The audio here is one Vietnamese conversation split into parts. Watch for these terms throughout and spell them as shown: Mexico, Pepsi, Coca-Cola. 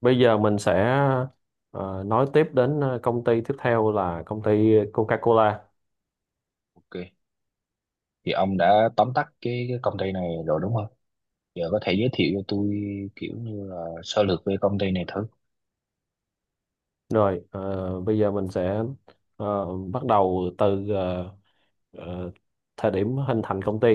Bây giờ mình sẽ nói tiếp đến công ty tiếp theo là công ty Coca-Cola. Ok, thì ông đã tóm tắt cái công ty này rồi đúng không? Giờ có thể giới thiệu cho tôi kiểu như là sơ lược về công ty này thử. Rồi, bây giờ mình sẽ ờ, bắt đầu từ ờ, thời điểm hình thành công ty.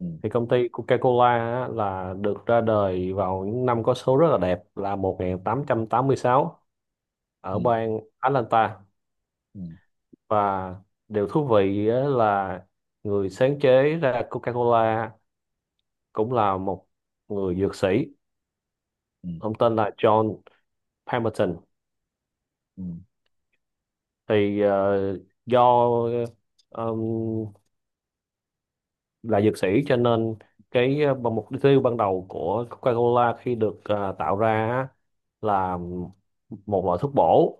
Ừ, Thì công ty Coca-Cola á, là được ra đời vào những năm có số rất là đẹp là một nghìn tám tám trăm tám mươi sáu ừ, ở bang Atlanta. ừ, Và điều thú vị á là người sáng chế ra Coca-Cola cũng là một người dược sĩ. ừ, Ông tên là John Palmerton. ừ, Thì do ờ, là dược sĩ, cho nên cái mục tiêu ban đầu của Coca-Cola khi được tạo ra á, là một loại thuốc bổ,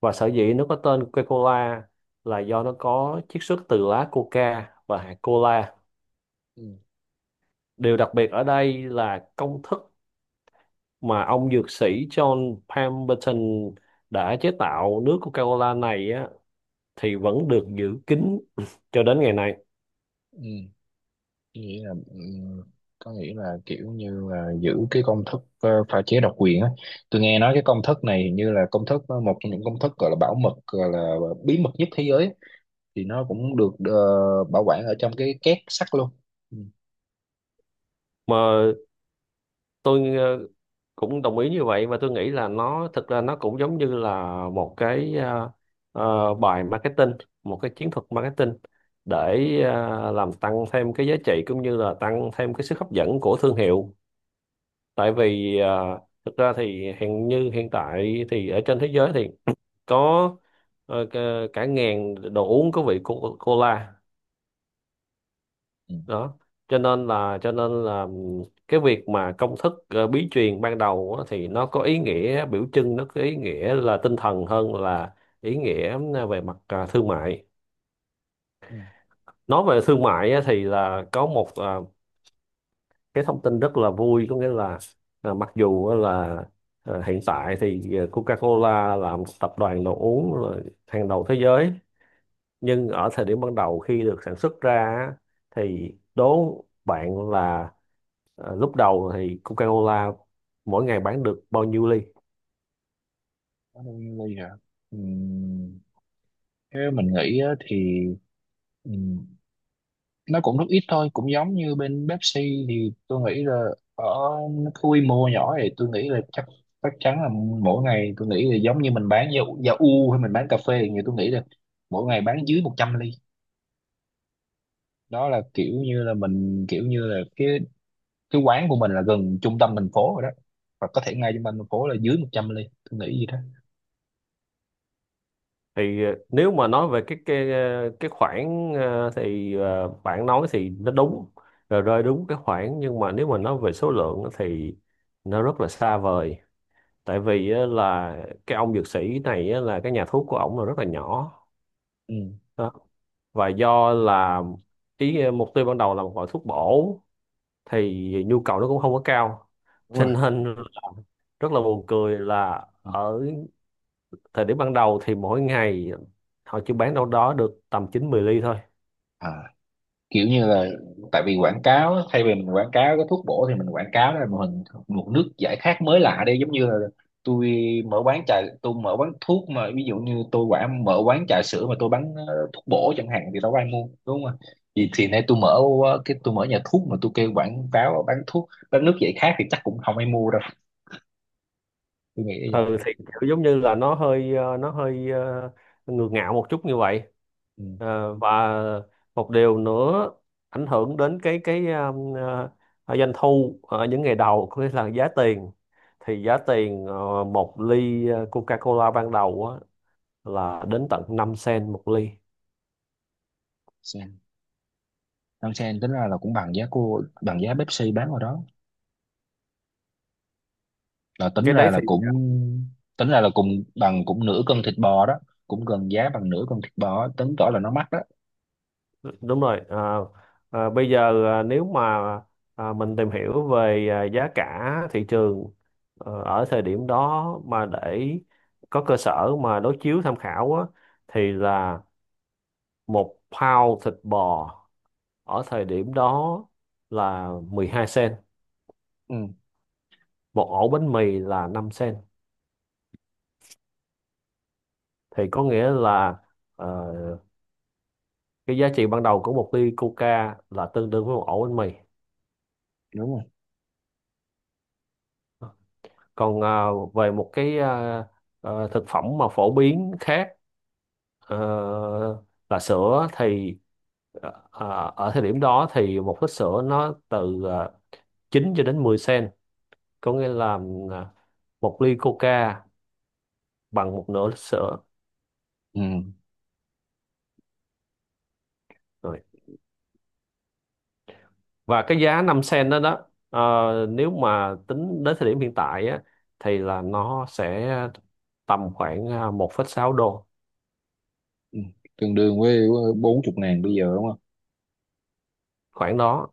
và sở dĩ nó có tên Coca-Cola là do nó có chiết xuất từ lá coca và hạt cola. Điều đặc biệt ở đây là công thức mà ông dược sĩ John Pemberton đã chế tạo nước Coca-Cola này á, thì vẫn được giữ kín cho đến ngày nay. ừ. Ừ. Nghĩa là có nghĩa là kiểu như là giữ cái công thức pha chế độc quyền á. Tôi nghe nói cái công thức này hình như là công thức một trong những công thức gọi là bảo mật gọi là bí mật nhất thế giới á. Thì nó cũng được bảo quản ở trong cái két sắt luôn. Ừ, Mà tôi cũng đồng ý như vậy, và tôi nghĩ là nó thực ra nó cũng giống như là một cái bài marketing, một cái chiến thuật marketing để làm tăng thêm cái giá trị cũng như là tăng thêm cái sức hấp dẫn của thương hiệu. Tại vì thực ra thì hiện như hiện tại thì ở trên thế giới thì có cả cả ngàn đồ uống có vị cola ừ, đó. Cho nên là cái việc mà công thức bí truyền ban đầu á, thì nó có ý nghĩa biểu trưng, nó có ý nghĩa là tinh thần hơn là ý nghĩa về mặt thương mại. ừ. Nói về thương mại á, thì là có một cái thông tin rất là vui, có nghĩa là mặc dù á là hiện tại thì Coca-Cola là một tập đoàn đồ uống là hàng đầu thế giới, nhưng ở thời điểm ban đầu khi được sản xuất ra á, thì đố bạn là lúc đầu thì Coca-Cola mỗi ngày bán được bao nhiêu ly? Nó đâu như vậy hả? Ừ. Theo mình nghĩ á, thì ừm, nó cũng rất ít thôi, cũng giống như bên Pepsi thì tôi nghĩ là ở cái quy mô nhỏ thì tôi nghĩ là chắc chắc chắn là mỗi ngày tôi nghĩ là giống như mình bán dầu dầu u hay mình bán cà phê thì tôi nghĩ là mỗi ngày bán dưới 100 ly. Đó là kiểu như là mình kiểu như là cái quán của mình là gần trung tâm thành phố rồi đó. Và có thể ngay trung tâm thành phố là dưới 100 ly, tôi nghĩ gì đó. Thì nếu mà nói về cái cái khoản thì bạn nói thì nó đúng rồi rơi đúng cái khoản, nhưng mà nếu mà nói về số lượng á thì nó rất là xa vời. Tại vì á là cái ông dược sĩ này á là cái nhà thuốc của ổng là rất là nhỏ Ừ, đó. Và do là mục tiêu ban đầu là một loại thuốc bổ thì nhu cầu nó cũng không có cao. đúng Cho rồi. nên rất là buồn cười là Ừ. ở thời điểm ban đầu thì mỗi ngày họ chỉ bán đâu đó được tầm chín mười ly thôi. À, kiểu như là tại vì quảng cáo á, thay vì mình quảng cáo cái thuốc bổ thì mình quảng cáo là một hình một nước giải khát mới lạ đi, giống như là tôi mở quán trà, tôi mở quán thuốc, mà ví dụ như tôi quảng mở quán trà sữa mà tôi bán thuốc bổ chẳng hạn thì đâu có ai mua đúng không ạ, thì nay tôi mở cái tôi mở nhà thuốc mà tôi kêu quảng cáo bán thuốc bán nước giải khát thì chắc cũng không ai mua đâu, tôi nghĩ như Ừ vậy. thì kiểu giống như là nó hơi ngược ngạo một chút như vậy. Ừ. Và một điều nữa ảnh hưởng đến cái doanh thu ở những ngày đầu, có nghĩa là giá tiền. Thì giá tiền một ly Coca-Cola ban đầu á, là đến tận 5 sen một ly. Sen. Đăng sen tính ra là cũng bằng giá cô bằng giá Pepsi bán ở đó, là tính Cái đấy ra là thì cũng tính ra là cùng bằng cũng nửa cân thịt bò đó, cũng gần giá bằng nửa cân thịt bò, tính tỏ là nó mắc đó. đúng rồi. Bây giờ nếu mà mình tìm hiểu về giá cả thị trường ở thời điểm đó, mà để có cơ sở mà đối chiếu tham khảo á, thì là một pound thịt bò ở thời điểm đó là 12 sen, Ừ, một ổ bánh mì là 5 sen, thì có nghĩa là ờ, cái giá trị ban đầu của một ly coca là tương đương với một ổ bánh mì. đúng rồi. Còn về một cái thực phẩm mà phổ biến khác ờ, là sữa, thì ở thời điểm đó thì một lít sữa nó từ 9 cho đến 10 sen, có nghĩa là à, một ly coca bằng một nửa lít sữa Ừ, rồi. Và cái giá 5 sen đó đó ờ, nếu mà tính đến thời điểm hiện tại á, thì là nó sẽ tầm khoảng một phẩy sáu đô, ừ. Tương đương với 40.000 bây giờ đúng không? khoảng đó,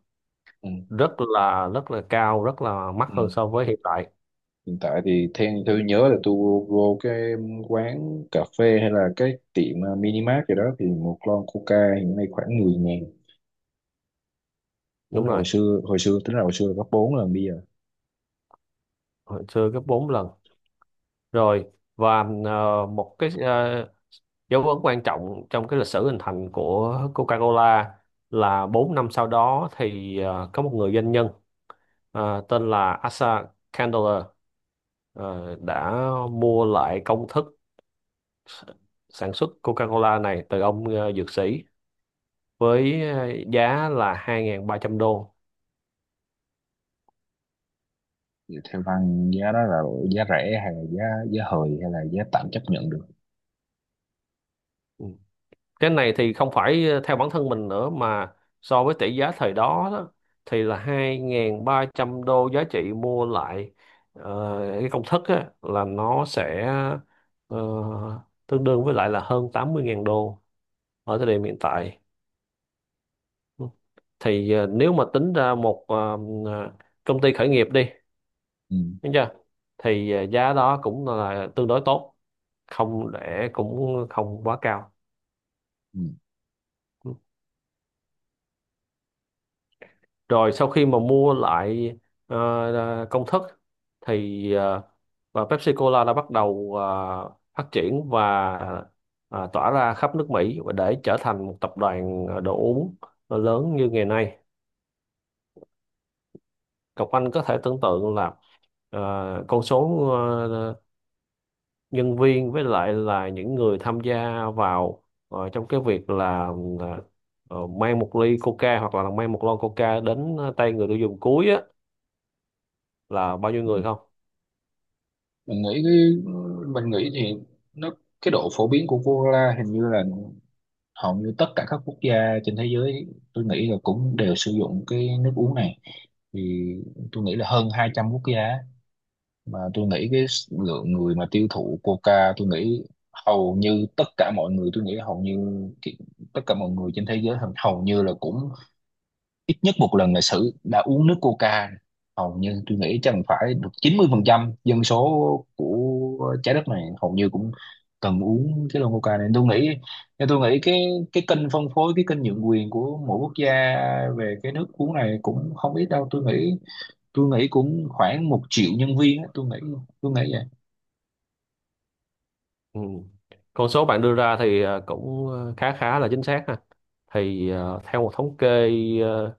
Ừ, rất là cao, rất là mắc ừ. hơn so với hiện tại, Hiện tại thì theo tôi nhớ là tôi vô cái quán cà phê hay là cái tiệm minimart gì đó thì một lon coca hiện nay khoảng 10.000. Tính đúng là hồi rồi, xưa, hồi xưa tính là hồi xưa là gấp bốn lần bây giờ. hồi xưa gấp 4 lần rồi. Và một cái dấu ấn quan trọng trong cái lịch sử hình thành của Coca-Cola là 4 năm sau đó, thì có một người doanh nhân tên là Asa Candler, đã mua lại công thức s- sản xuất Coca-Cola này từ ông dược sĩ với giá là 2.300 đô. Thì theo văn giá đó là giá rẻ hay là giá giá hời hay là giá tạm chấp nhận được? Ừ. Cái này thì không phải theo bản thân mình nữa, mà so với tỷ giá thời đó, thì là 2.300 đô giá trị mua lại cái công thức á, là nó sẽ ờ, tương đương với lại là hơn 80.000 đô ở thời điểm hiện tại. Thì nếu mà tính ra một ờ, công ty khởi nghiệp đi, Ừ. đúng chưa, thì giá đó cũng là tương đối tốt, không để cũng không quá cao. Ừ. Rồi sau khi mà mua lại ờ, công thức thì và Pepsi Cola đã bắt đầu phát triển và tỏa ra khắp nước Mỹ và để trở thành một tập đoàn đồ uống lớn như ngày nay. Cậu Anh có thể tưởng tượng là ờ, con số nhân viên với lại là những người tham gia vào trong cái việc là ờ, mang một ly Coca hoặc là mang một lon Coca đến tay người tiêu dùng cuối á, là bao nhiêu Ừ. người không? Mình nghĩ cái mình nghĩ thì nó cái độ phổ biến của cola hình như là hầu như tất cả các quốc gia trên thế giới, tôi nghĩ là cũng đều sử dụng cái nước uống này, thì tôi nghĩ là hơn 200 quốc gia á. Mà tôi nghĩ cái lượng người mà tiêu thụ coca, tôi nghĩ hầu như tất cả mọi người, tôi nghĩ hầu như cái- tất cả mọi người trên thế giới hầu hầu như là cũng ít nhất một lần lịch sử đã uống nước coca, hầu như tôi nghĩ chắc phải được 90% dân số của trái đất này hầu như cũng cần uống cái lon coca này, tôi nghĩ. Nên tôi nghĩ cái kênh phân phối, cái kênh nhượng quyền của mỗi quốc gia về cái nước uống này cũng không ít đâu, tôi nghĩ. Tôi nghĩ cũng khoảng 1.000.000 nhân viên á, tôi nghĩ. Tôi nghĩ vậy. Ừ. Con số bạn đưa ra thì cũng khá khá là chính xác ha. Thì theo một thống kê ờ,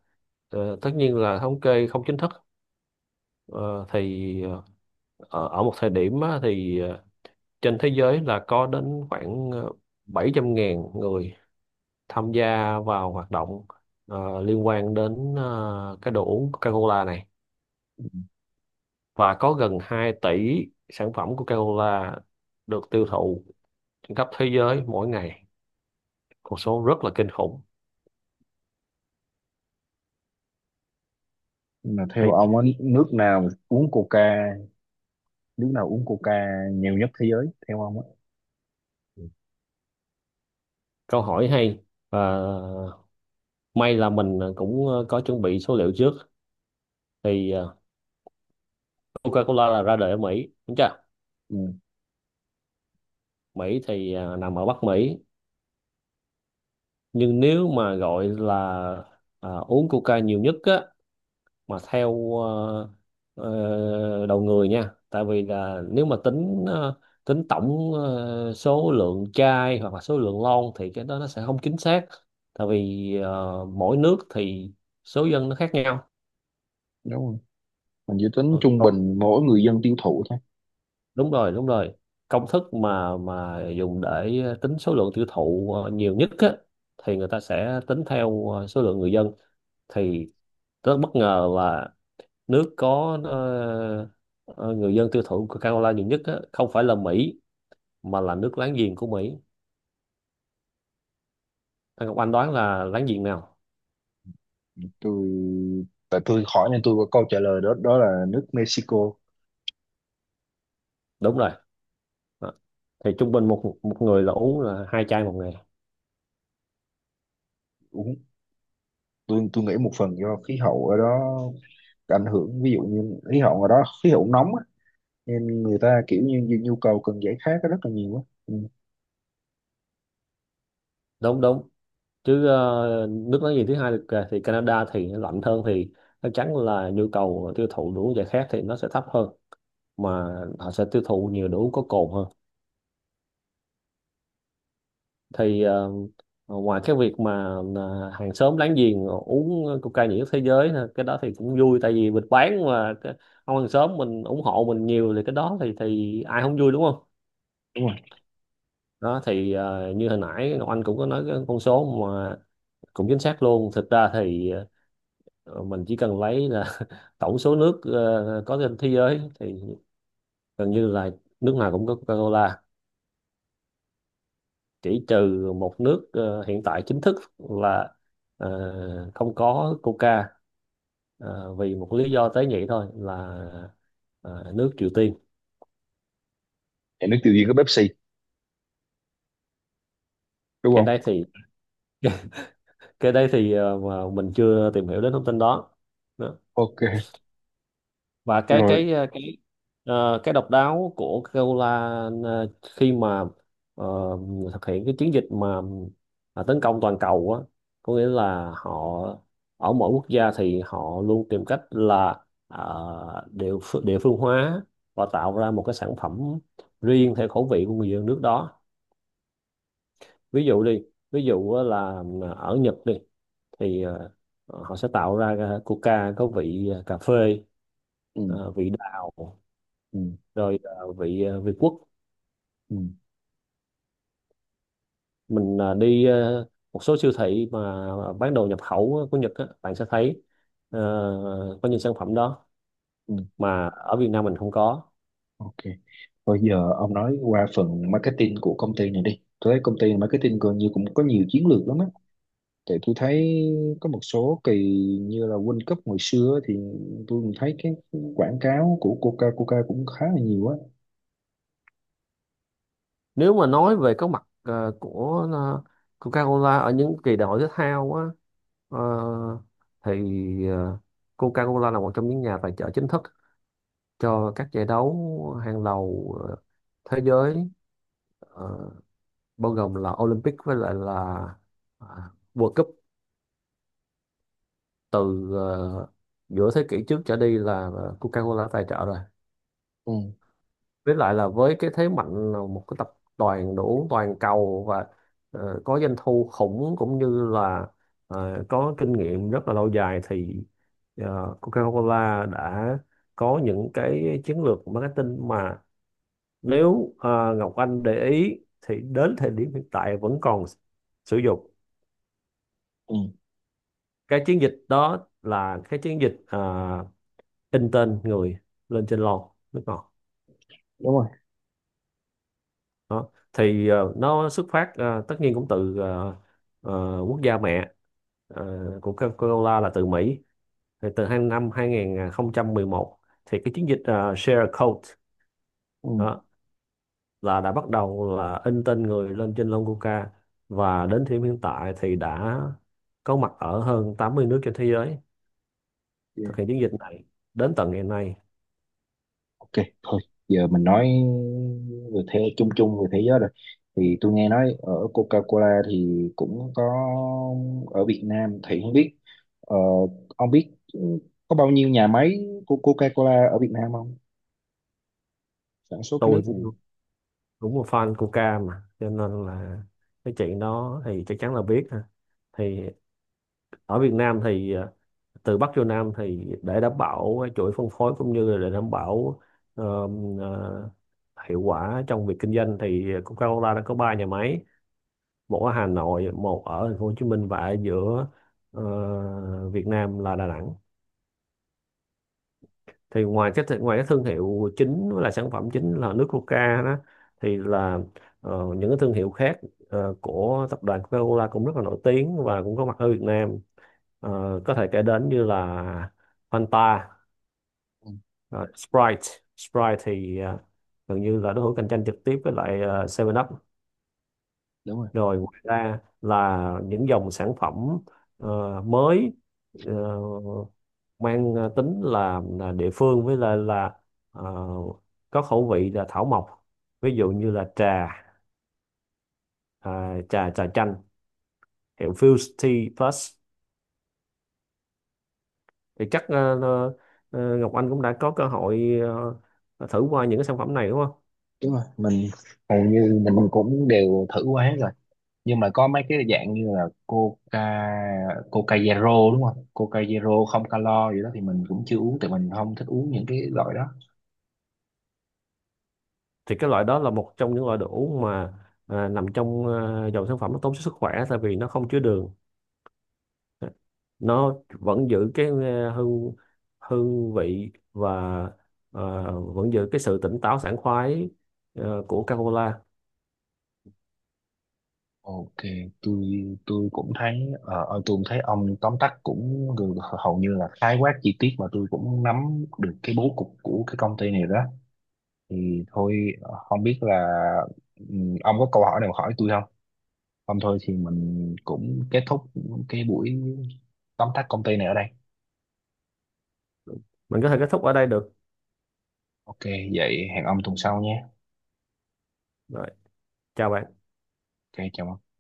tất nhiên là thống kê không chính thức, ờ, thì ở ở một thời điểm á, thì trên thế giới là có đến khoảng 700.000 người tham gia vào hoạt động liên quan đến cái đồ uống Coca-Cola này, và có gần 2 tỷ sản phẩm Coca-Cola được tiêu thụ trên khắp thế giới mỗi ngày, con số rất là kinh khủng. Mà theo Thì ông á, nước nào uống coca, nước nào uống coca nhiều nhất thế giới theo ông á? câu hỏi hay, và may là mình cũng có chuẩn bị số liệu trước. Thì Coca-Cola là ra đời ở Mỹ, đúng chưa? Ừ. Mỹ thì nằm ở Bắc Mỹ, nhưng nếu mà gọi là uống Coca nhiều nhất á, mà theo đầu người nha, tại vì là nếu mà tính tổng số lượng chai hoặc là số lượng lon thì cái đó nó sẽ không chính xác, tại vì mỗi nước thì số dân nó khác nhau. Đúng rồi. Mình chỉ tính Ờ, trung bình mỗi người dân tiêu thụ thôi. đúng rồi, đúng rồi. Công thức mà dùng để tính số lượng tiêu thụ nhiều nhất á, thì người ta sẽ tính theo số lượng người dân. Thì rất bất ngờ là nước có người dân tiêu thụ Coca-Cola nhiều nhất á, không phải là Mỹ mà là nước láng giềng của Mỹ. Anh Ngọc Anh đoán là láng giềng nào? tôi Tại tôi hỏi nên tôi có câu trả lời đó, đó là nước Mexico. Đúng rồi. Đó. Thì trung bình một một người là uống là hai chai một ngày, Uống. Tôi nghĩ một phần do khí hậu ở đó ảnh hưởng, ví dụ như khí hậu ở đó khí hậu nóng á, nên người ta kiểu như nhu nhu cầu cần giải khát rất là nhiều á. Ừ, đúng đúng. Chứ nước láng giềng thứ hai thì Canada thì nó lạnh hơn, thì chắc chắn là nhu cầu tiêu thụ đồ uống giải khát thì nó sẽ thấp hơn, mà họ sẽ tiêu thụ nhiều đồ uống có cồn hơn. Thì ngoài cái việc mà hàng xóm láng giềng uống coca nhiều nhất thế giới ha, cái đó thì cũng vui, tại vì mình bán mà ông hàng xóm mình ủng hộ mình nhiều thì cái đó thì ai không vui, đúng không? đúng rồi. Đó, thì như hồi nãy Ngọc Anh cũng có nói cái con số mà cũng chính xác luôn. Thực ra thì mình chỉ cần lấy là tổng số nước có trên thế giới thì gần như là nước nào cũng có Coca-Cola, chỉ trừ một nước hiện tại chính thức là không có Coca, vì một lý do tế nhị thôi là ờ, nước Triều Tiên. Nhà nước tiêu diệt có Pepsi đúng Cái đây không? thì cái đây thì mà mình chưa tìm hiểu đến thông tin đó. Ok. Và Rồi. Cái độc đáo của Coca-Cola khi mà ờ, thực hiện cái chiến dịch mà tấn công toàn cầu á, có nghĩa là họ ở mỗi quốc gia thì họ luôn tìm cách là địa phương hóa và tạo ra một cái sản phẩm riêng theo khẩu vị của người dân nước đó. Ví dụ đi, ví dụ á là ở Nhật đi, thì họ sẽ tạo ra Coca có vị cà phê, Ừ, vị đào, ừ, rồi vị Việt Quốc. ừ, Mình đi một số siêu thị mà bán đồ nhập khẩu của Nhật á, bạn sẽ thấy ờ, có những sản phẩm đó ừ. mà ở Việt Nam mình không có. Ok, bây giờ ông nói qua phần marketing của công ty này đi, tôi thấy công ty marketing gần như cũng có nhiều chiến lược lắm á. Tại tôi thấy có một số kỳ như là World Cup hồi xưa thì tôi cũng thấy cái quảng cáo của Coca Coca cũng khá là nhiều á. Nếu mà nói về cái mặt của Coca-Cola ở những kỳ đại hội thể thao á, ờ, thì ờ, Coca-Cola là một trong những nhà tài trợ chính thức cho các giải đấu hàng đầu thế giới, ờ, bao gồm là Olympic với lại là World Cup. Từ giữa thế kỷ trước trở đi là Coca-Cola tài trợ rồi. Ừ. Với lại là với cái thế mạnh là một cái tập đoàn đồ uống toàn cầu và có doanh thu khủng, cũng như là có kinh nghiệm rất là lâu dài, thì Coca-Cola đã có những cái chiến lược marketing mà nếu Ngọc Anh để ý thì đến thời điểm hiện tại vẫn còn sử dụng. Ừ. Cái chiến dịch đó là cái chiến dịch in tên người lên trên lon nước ngọt. Đúng rồi. Đó thì nó xuất phát, tất nhiên cũng từ quốc gia mẹ ờ, của Coca-Cola là từ Mỹ. Thì từ hai năm hai không một một, thì cái chiến dịch Share a Coke Ừ. đó là đã bắt đầu là in tên người lên trên lon Coca, và đến thời điểm hiện tại thì đã có mặt ở hơn 80 nước trên thế giới, Yeah. thực hiện chiến dịch này đến tận ngày nay. Ok, thôi giờ mình nói về thế chung chung về thế giới rồi. Thì tôi nghe nói ở Coca-Cola thì cũng có, ở Việt Nam thì không biết, ờ, ông biết có bao nhiêu nhà máy của Coca-Cola ở Việt Nam không? Sản xuất cái Tôi nước cũng này. đúng một fan Coca mà, cho nên là cái chuyện đó thì chắc chắn là biết ha. Thì ở Việt Nam thì từ Bắc vô Nam, thì để đảm bảo cái chuỗi phân phối cũng như là để đảm bảo ờm, ờ, hiệu quả trong việc kinh doanh, thì Coca-Cola đã có ba nhà máy: một ở Hà Nội, một ở thành phố Hồ Chí Minh, và ở giữa Việt Nam là Đà Nẵng. Thì ngoài cái thương hiệu chính với là sản phẩm chính là nước Coca đó, thì là những cái thương hiệu khác của tập đoàn Coca-Cola cũng rất là nổi tiếng và cũng có mặt ở Việt Nam. Ờ, có thể kể đến như là Fanta, Ừ, ờ, Sprite Sprite thì gần như là đối thủ cạnh tranh trực tiếp với lại 7 Up. đúng rồi, Rồi ngoài ra là những dòng sản phẩm mới, ờ, mang tính là địa phương, với lại là ờ, có khẩu vị là thảo mộc, ví dụ như là trà à, trà trà chanh hiệu Fuse Tea Plus. Thì chắc Ngọc Anh cũng đã có cơ hội thử qua những cái sản phẩm này đúng không? đúng rồi. Mình hầu như mình cũng đều thử qua hết rồi, nhưng mà có mấy cái dạng như là coca, coca zero đúng không, coca zero không calo gì đó thì mình cũng chưa uống, tại mình không thích uống những cái loại đó. Thì cái loại đó là một trong những loại đồ uống mà nằm trong dòng sản phẩm nó tốt cho sức khỏe, tại vì nó không chứa đường, nó vẫn giữ cái hương hương vị, và vẫn giữ cái sự tỉnh táo sảng khoái của Coca-Cola. Ok. Tôi tôi cũng thấy tôi cũng thấy ông tóm tắt cũng hầu như là khái quát chi tiết mà tôi cũng nắm được cái bố cục của cái công ty này đó. Thì thôi, không biết là, ừ, ông có câu hỏi nào hỏi tôi không? Không thôi thì mình cũng kết thúc cái buổi tóm tắt công ty này ở đây. Mình có thể kết thúc ở đây được Ok, vậy hẹn ông tuần sau nhé. rồi. Chào bạn. Ok, chào ông.